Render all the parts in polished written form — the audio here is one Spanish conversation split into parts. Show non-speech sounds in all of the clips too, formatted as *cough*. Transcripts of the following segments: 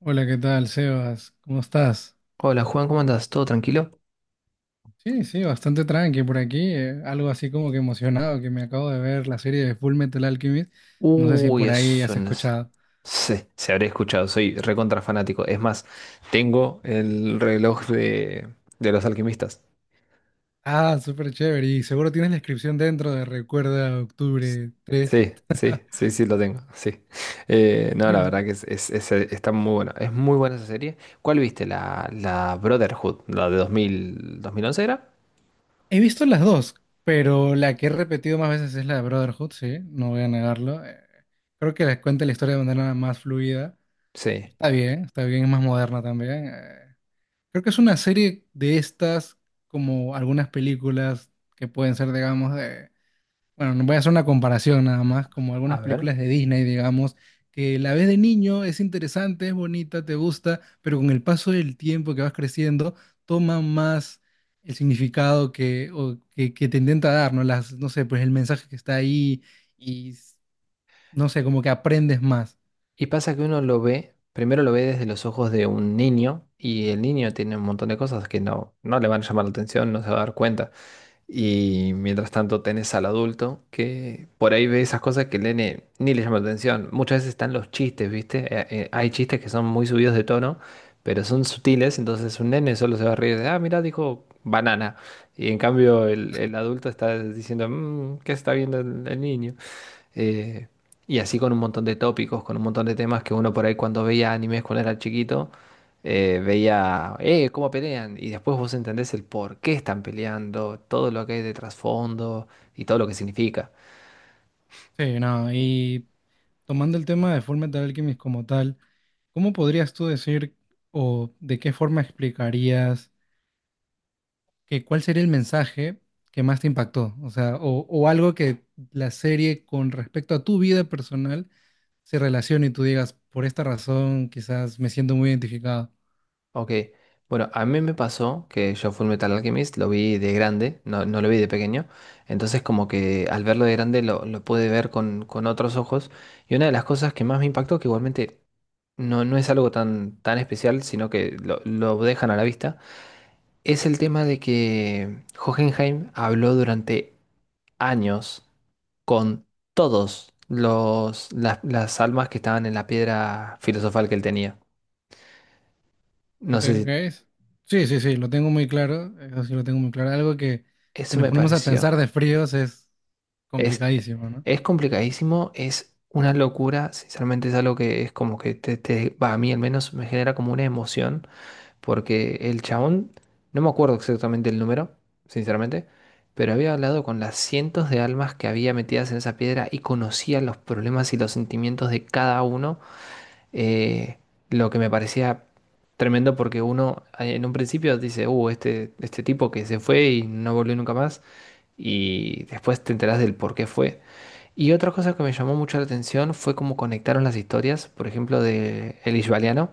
Hola, ¿qué tal, Sebas? ¿Cómo estás? Hola Juan, ¿cómo andas? ¿Todo tranquilo? Sí, sí, bastante tranqui por aquí. Algo así como que emocionado, que me acabo de ver la serie de Full Metal Alchemist. No sé si Uy, por ahí eso has no es- escuchado. Se habré escuchado, soy recontra fanático. Es más, tengo el reloj de los alquimistas. Ah, súper chévere. Y seguro tienes la inscripción dentro de Recuerda Octubre 3. Sí, sí, sí, sí, lo tengo, sí. No, la Mira, verdad que está muy bueno. Es muy buena esa serie. ¿Cuál viste? La Brotherhood, la de dos mil once era. he visto las dos, pero la que he repetido más veces es la de Brotherhood, sí, no voy a negarlo. Creo que les cuenta la historia de manera más fluida. Sí, Está bien, es más moderna también. Creo que es una serie de estas, como algunas películas que pueden ser, digamos, de... Bueno, no voy a hacer una comparación nada más, como a algunas ver. películas de Disney, digamos, que la ves de niño, es interesante, es bonita, te gusta, pero con el paso del tiempo que vas creciendo, toma más el significado que, o que te intenta dar, ¿no? Las, no sé, pues el mensaje que está ahí y, no sé, como que aprendes más. Y pasa que uno lo ve, primero lo ve desde los ojos de un niño y el niño tiene un montón de cosas que no le van a llamar la atención, no se va a dar cuenta. Y mientras tanto tenés al adulto que por ahí ve esas cosas que el nene ni le llama la atención. Muchas veces están los chistes, ¿viste? Hay chistes que son muy subidos de tono, pero son sutiles, entonces un nene solo se va a reír de, ah, mira, dijo banana. Y en cambio el adulto está diciendo, "Mm, ¿qué está viendo el niño? eh, y así con un montón de tópicos, con un montón de temas que uno por ahí cuando veía animes cuando era chiquito, veía, cómo pelean, y después vos entendés el por qué están peleando, todo lo que hay de trasfondo y todo lo que significa. Sí, no, y tomando el tema de Fullmetal Alchemist como tal, ¿cómo podrías tú decir o de qué forma explicarías que cuál sería el mensaje que más te impactó? O sea, o algo que la serie con respecto a tu vida personal se relacione y tú digas, por esta razón quizás me siento muy identificado. Ok, bueno, a mí me pasó que yo Metal Alchemist lo vi de grande, no lo vi de pequeño, entonces como que al verlo de grande lo pude ver con otros ojos, y una de las cosas que más me impactó, que igualmente no es algo tan especial, sino que lo dejan a la vista, es el tema de que Hohenheim habló durante años con todos las almas que estaban en la piedra filosofal que él tenía. Ok, No sé si ok. Sí, sí, sí, lo tengo muy claro. Eso sí lo tengo muy claro. Algo que si eso nos me ponemos a pareció. pensar de fríos es Es, complicadísimo, ¿no? es complicadísimo, es una locura, sinceramente es algo que es como que va, a mí al menos me genera como una emoción. Porque el chabón, no me acuerdo exactamente el número, sinceramente, pero había hablado con las cientos de almas que había metidas en esa piedra y conocía los problemas y los sentimientos de cada uno, eh, lo que me parecía tremendo porque uno en un principio dice, este tipo que se fue y no volvió nunca más, y después te enterás del por qué fue. Y otra cosa que me llamó mucho la atención fue cómo conectaron las historias, por ejemplo, de el Ishvaliano,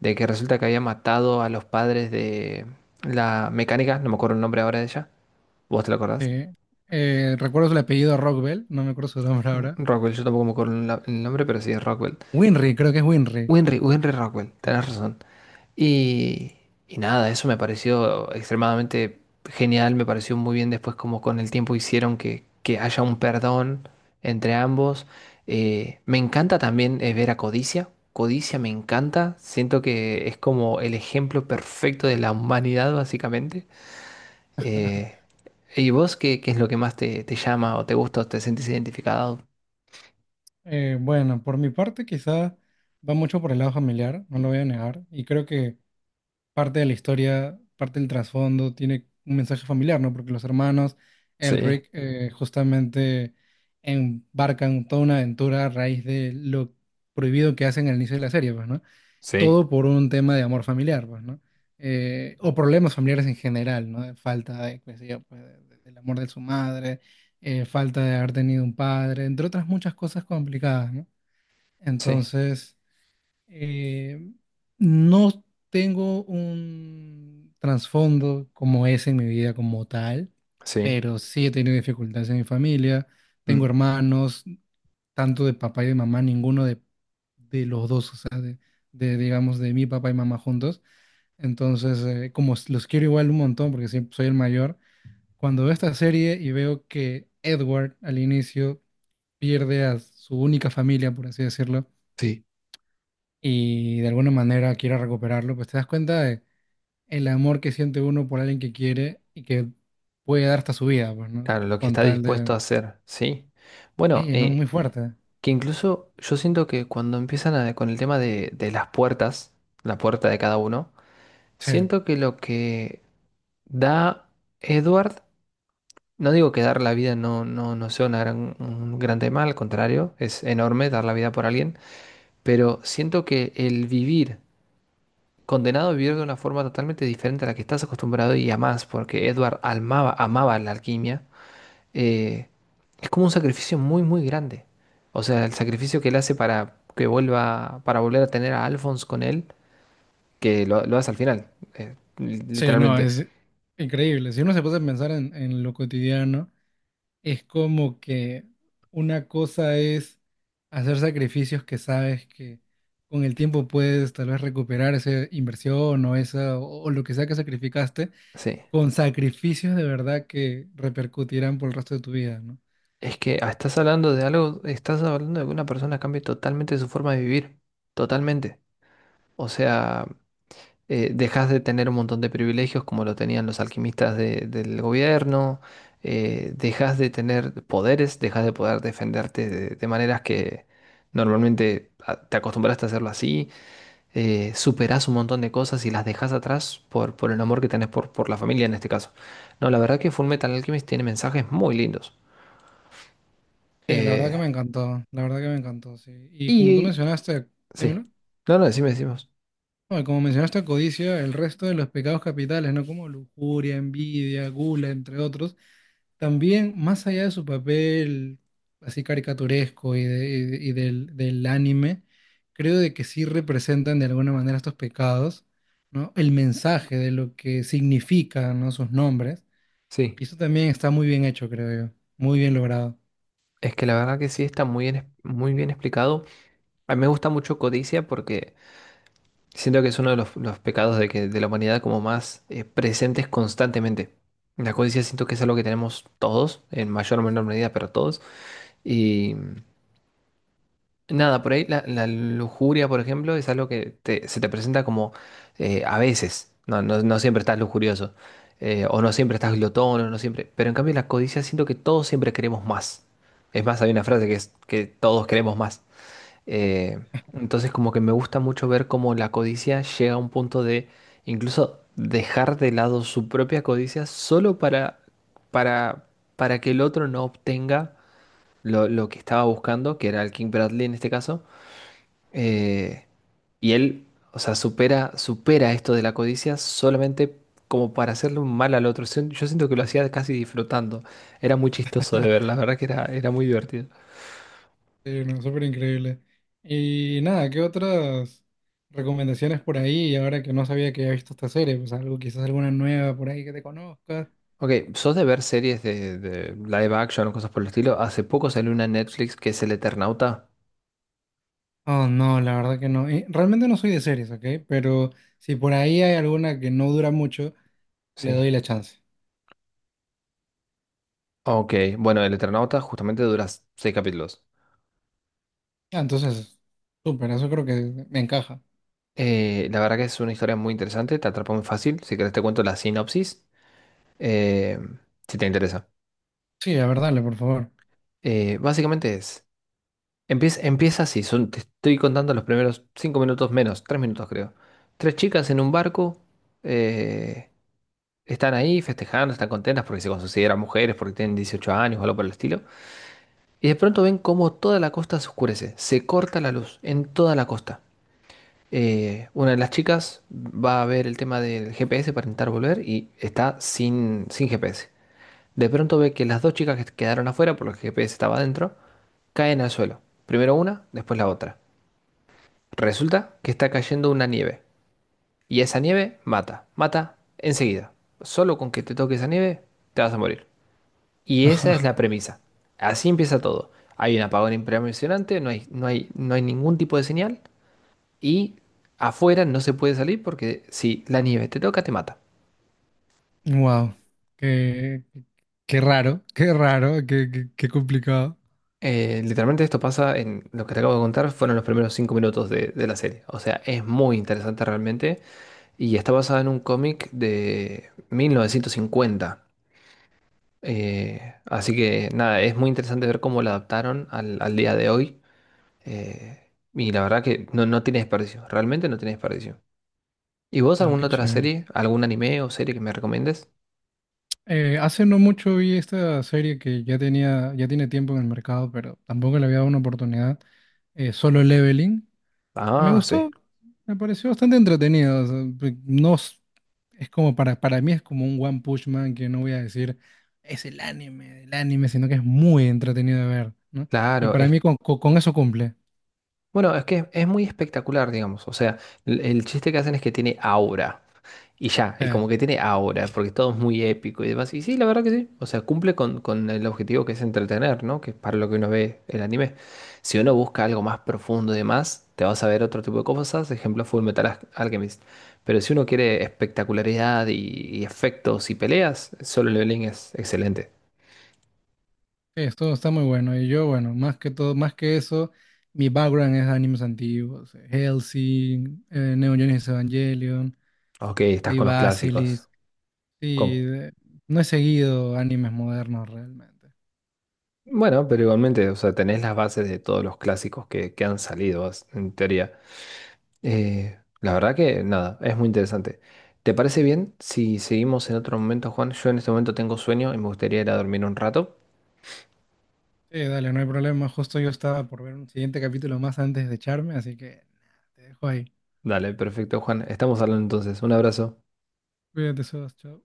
de que resulta que había matado a los padres de la mecánica, no me acuerdo el nombre ahora de ella, ¿vos te lo acordás? Sí. Recuerdo el apellido Rockbell, no me acuerdo su nombre ahora. Rockwell, yo tampoco me acuerdo el nombre, pero sí es Rockwell. Winry, creo que es Winry. Winry, Winry Rockwell, tenés razón. Y, y nada, eso me pareció extremadamente genial, me pareció muy bien después como con el tiempo hicieron que haya un perdón entre ambos. Me encanta también ver a Codicia, Codicia me encanta, siento que es como el ejemplo perfecto de la humanidad básicamente. Eh, ¿Y vos qué es lo que más te llama o te gusta o te sentís identificado? Bueno, por mi parte quizá va mucho por el lado familiar, no lo voy a negar. Y creo que parte de la historia, parte del trasfondo, tiene un mensaje familiar, ¿no? Porque los hermanos Sí, Elric justamente embarcan toda una aventura a raíz de lo prohibido que hacen al inicio de la serie, pues, ¿no? sí, Todo por un tema de amor familiar, pues, ¿no? O problemas familiares en general, ¿no? Falta de, qué sé yo, pues, del amor de su madre, falta de haber tenido un padre, entre otras muchas cosas complicadas, ¿no? sí. Entonces... Eh, no tengo un trasfondo como ese en mi vida como tal, Sí. pero sí he tenido dificultades en mi familia. Tengo Mm, hermanos, tanto de papá y de mamá, ninguno de los dos, o sea, digamos, de mi papá y mamá juntos. Entonces, como los quiero igual un montón, porque siempre soy el mayor, cuando veo esta serie y veo que Edward al inicio pierde a su única familia, por así decirlo, sí. y de alguna manera quiera recuperarlo, pues te das cuenta de el amor que siente uno por alguien que quiere y que puede dar hasta su vida, pues, ¿no? Claro, lo que Con está tal dispuesto a de... hacer, ¿sí? Bueno, Sí, no, muy fuerte. que incluso yo siento que cuando empiezan a- con el tema de las puertas, la puerta de cada uno, Sí, siento que lo que da Edward, no digo que dar la vida no sea una gran- un gran tema, al contrario, es enorme dar la vida por alguien, pero siento que el vivir, condenado a vivir de una forma totalmente diferente a la que estás acostumbrado y amás, porque Edward amaba, amaba la alquimia, eh, es como un sacrificio muy, muy grande. O sea, el sacrificio que él hace para que vuelva, para volver a tener a Alphonse con él, que lo hace al final, sí, no, literalmente. es increíble. Si uno se puede pensar en lo cotidiano, es como que una cosa es hacer sacrificios que sabes que con el tiempo puedes tal vez recuperar esa inversión o esa o lo que sea que sacrificaste Sí. con sacrificios de verdad que repercutirán por el resto de tu vida, ¿no? Es que ah, estás hablando de algo, estás hablando de que una persona cambie totalmente su forma de vivir. Totalmente. O sea, dejas de tener un montón de privilegios como lo tenían los alquimistas del gobierno. Dejas de tener poderes, dejas de poder defenderte de maneras que normalmente ah, te acostumbraste a hacerlo así. Superás un montón de cosas y las dejás atrás por el amor que tenés por la familia en este caso. No, la verdad que Fullmetal Alchemist tiene mensajes muy lindos. Sí, la verdad Eh, que me encantó, la verdad que me encantó, sí. Y como tú y mencionaste, sí. dímelo, No, no, decime, decimos. no, y como mencionaste codicia, el resto de los pecados capitales, ¿no? Como lujuria, envidia, gula, entre otros, también más allá de su papel así caricaturesco y, del anime, creo de que sí representan de alguna manera estos pecados, ¿no? El mensaje de lo que significan, ¿no? Sus nombres. Sí. Y eso también está muy bien hecho, creo yo. Muy bien logrado. Es que la verdad que sí está muy bien, muy bien explicado. A mí me gusta mucho Codicia porque siento que es uno de los pecados de la humanidad como más presentes constantemente. La codicia siento que es algo que tenemos todos, en mayor o menor medida, pero todos. Y nada, por ahí la lujuria, por ejemplo, es algo que se te presenta como a veces, no siempre estás lujurioso, o no siempre estás glotón, o no siempre, pero en cambio la codicia siento que todos siempre queremos más. Es más, hay una frase que es que todos queremos más. Eh, entonces como que me gusta mucho ver cómo la codicia llega a un punto de incluso dejar de lado su propia codicia solo para, para que el otro no obtenga lo que estaba buscando, que era el King Bradley en este caso, eh, y él, o sea, supera esto de la codicia solamente como para hacerle un mal al otro. Yo siento que lo hacía casi disfrutando. Era muy chistoso de ver, la verdad que era muy divertido. Sí, no, súper increíble. Y nada, ¿qué otras recomendaciones por ahí? Ahora que no sabía que había visto esta serie, pues algo, quizás alguna nueva por ahí que te conozcas. Ok, ¿sos de ver series de live action o cosas por el estilo? Hace poco salió una en Netflix que es El Eternauta. Oh, no, la verdad que no. Realmente no soy de series, ¿ok? Pero si por ahí hay alguna que no dura mucho, le Sí. doy la chance. Ok, bueno, El Eternauta justamente dura 6 capítulos. Ah, entonces, súper, eso creo que me encaja. La verdad que es una historia muy interesante, te atrapa muy fácil. Si querés te cuento la sinopsis, eh, si te interesa. Sí, a ver, dale, por favor. Básicamente es... Empieza así, son, te estoy contando los primeros 5 minutos menos, 3 minutos creo. Tres chicas en un barco, eh, están ahí festejando, están contentas porque se consideran mujeres, porque tienen 18 años o algo por el estilo. Y de pronto ven cómo toda la costa se oscurece, se corta la luz en toda la costa. Una de las chicas va a ver el tema del GPS para intentar volver y está sin GPS. De pronto ve que las dos chicas que quedaron afuera, porque el GPS estaba adentro, caen al suelo. Primero una, después la otra. Resulta que está cayendo una nieve. Y esa nieve mata, mata enseguida. Solo con que te toque esa nieve, te vas a morir. Y esa es la *laughs* premisa. Así empieza todo. Hay un apagón impresionante, no hay ningún tipo de señal. Y afuera no se puede salir porque si la nieve te toca, te mata. Wow, qué, qué raro, qué complicado. Literalmente esto pasa en lo que te acabo de contar, fueron los primeros cinco minutos de la serie. O sea, es muy interesante realmente. Y está basada en un cómic de 1950. Así que nada, es muy interesante ver cómo lo adaptaron al día de hoy. eh, y la verdad que no tiene desperdicio, realmente no tiene desperdicio. ¿Y vos No, qué alguna otra chévere. serie, algún anime o serie que me recomiendes? Hace no mucho vi esta serie que ya tenía, ya tiene tiempo en el mercado, pero tampoco le había dado una oportunidad. Solo Leveling. Me Ah, sí. gustó, me pareció bastante entretenido. O sea, pe- no s- es como para mí es como un One Punch Man que no voy a decir es el anime, sino que es muy entretenido de ver, ¿no? Y Claro, para es, mí con eso cumple. bueno, es que es muy espectacular, digamos. O sea, el chiste que hacen es que tiene aura. Y ya, y como que tiene ahora porque todo es muy épico y demás. Y sí, la verdad que sí. O sea, cumple con el objetivo que es entretener, ¿no? Que es para lo que uno ve el anime. Si uno busca algo más profundo y demás, te vas a ver otro tipo de cosas. Ejemplo, Alchemist. Pero si uno quiere espectacularidad y efectos y peleas, Solo Leveling es excelente. Sí, esto está muy bueno. Y yo, bueno, más que todo, más que eso, mi background es animes antiguos, Hellsing, Neon Genesis Evangelion, Ok, por estás ahí con los clásicos. Basilisk. Con... Sí, no he seguido animes modernos realmente. Bueno, pero igualmente, o sea, tenés las bases de todos los clásicos que han salido, en teoría. La verdad que nada, es muy interesante. ¿Te parece bien si seguimos en otro momento, Juan? Yo en este momento tengo sueño y me gustaría ir a dormir un rato. Sí, dale, no hay problema. Justo yo estaba por ver un siguiente capítulo más antes de echarme, así que nada, te dejo ahí. Dale, perfecto, Juan. Estamos hablando entonces. Un abrazo. Cuídate, Sebas, chao.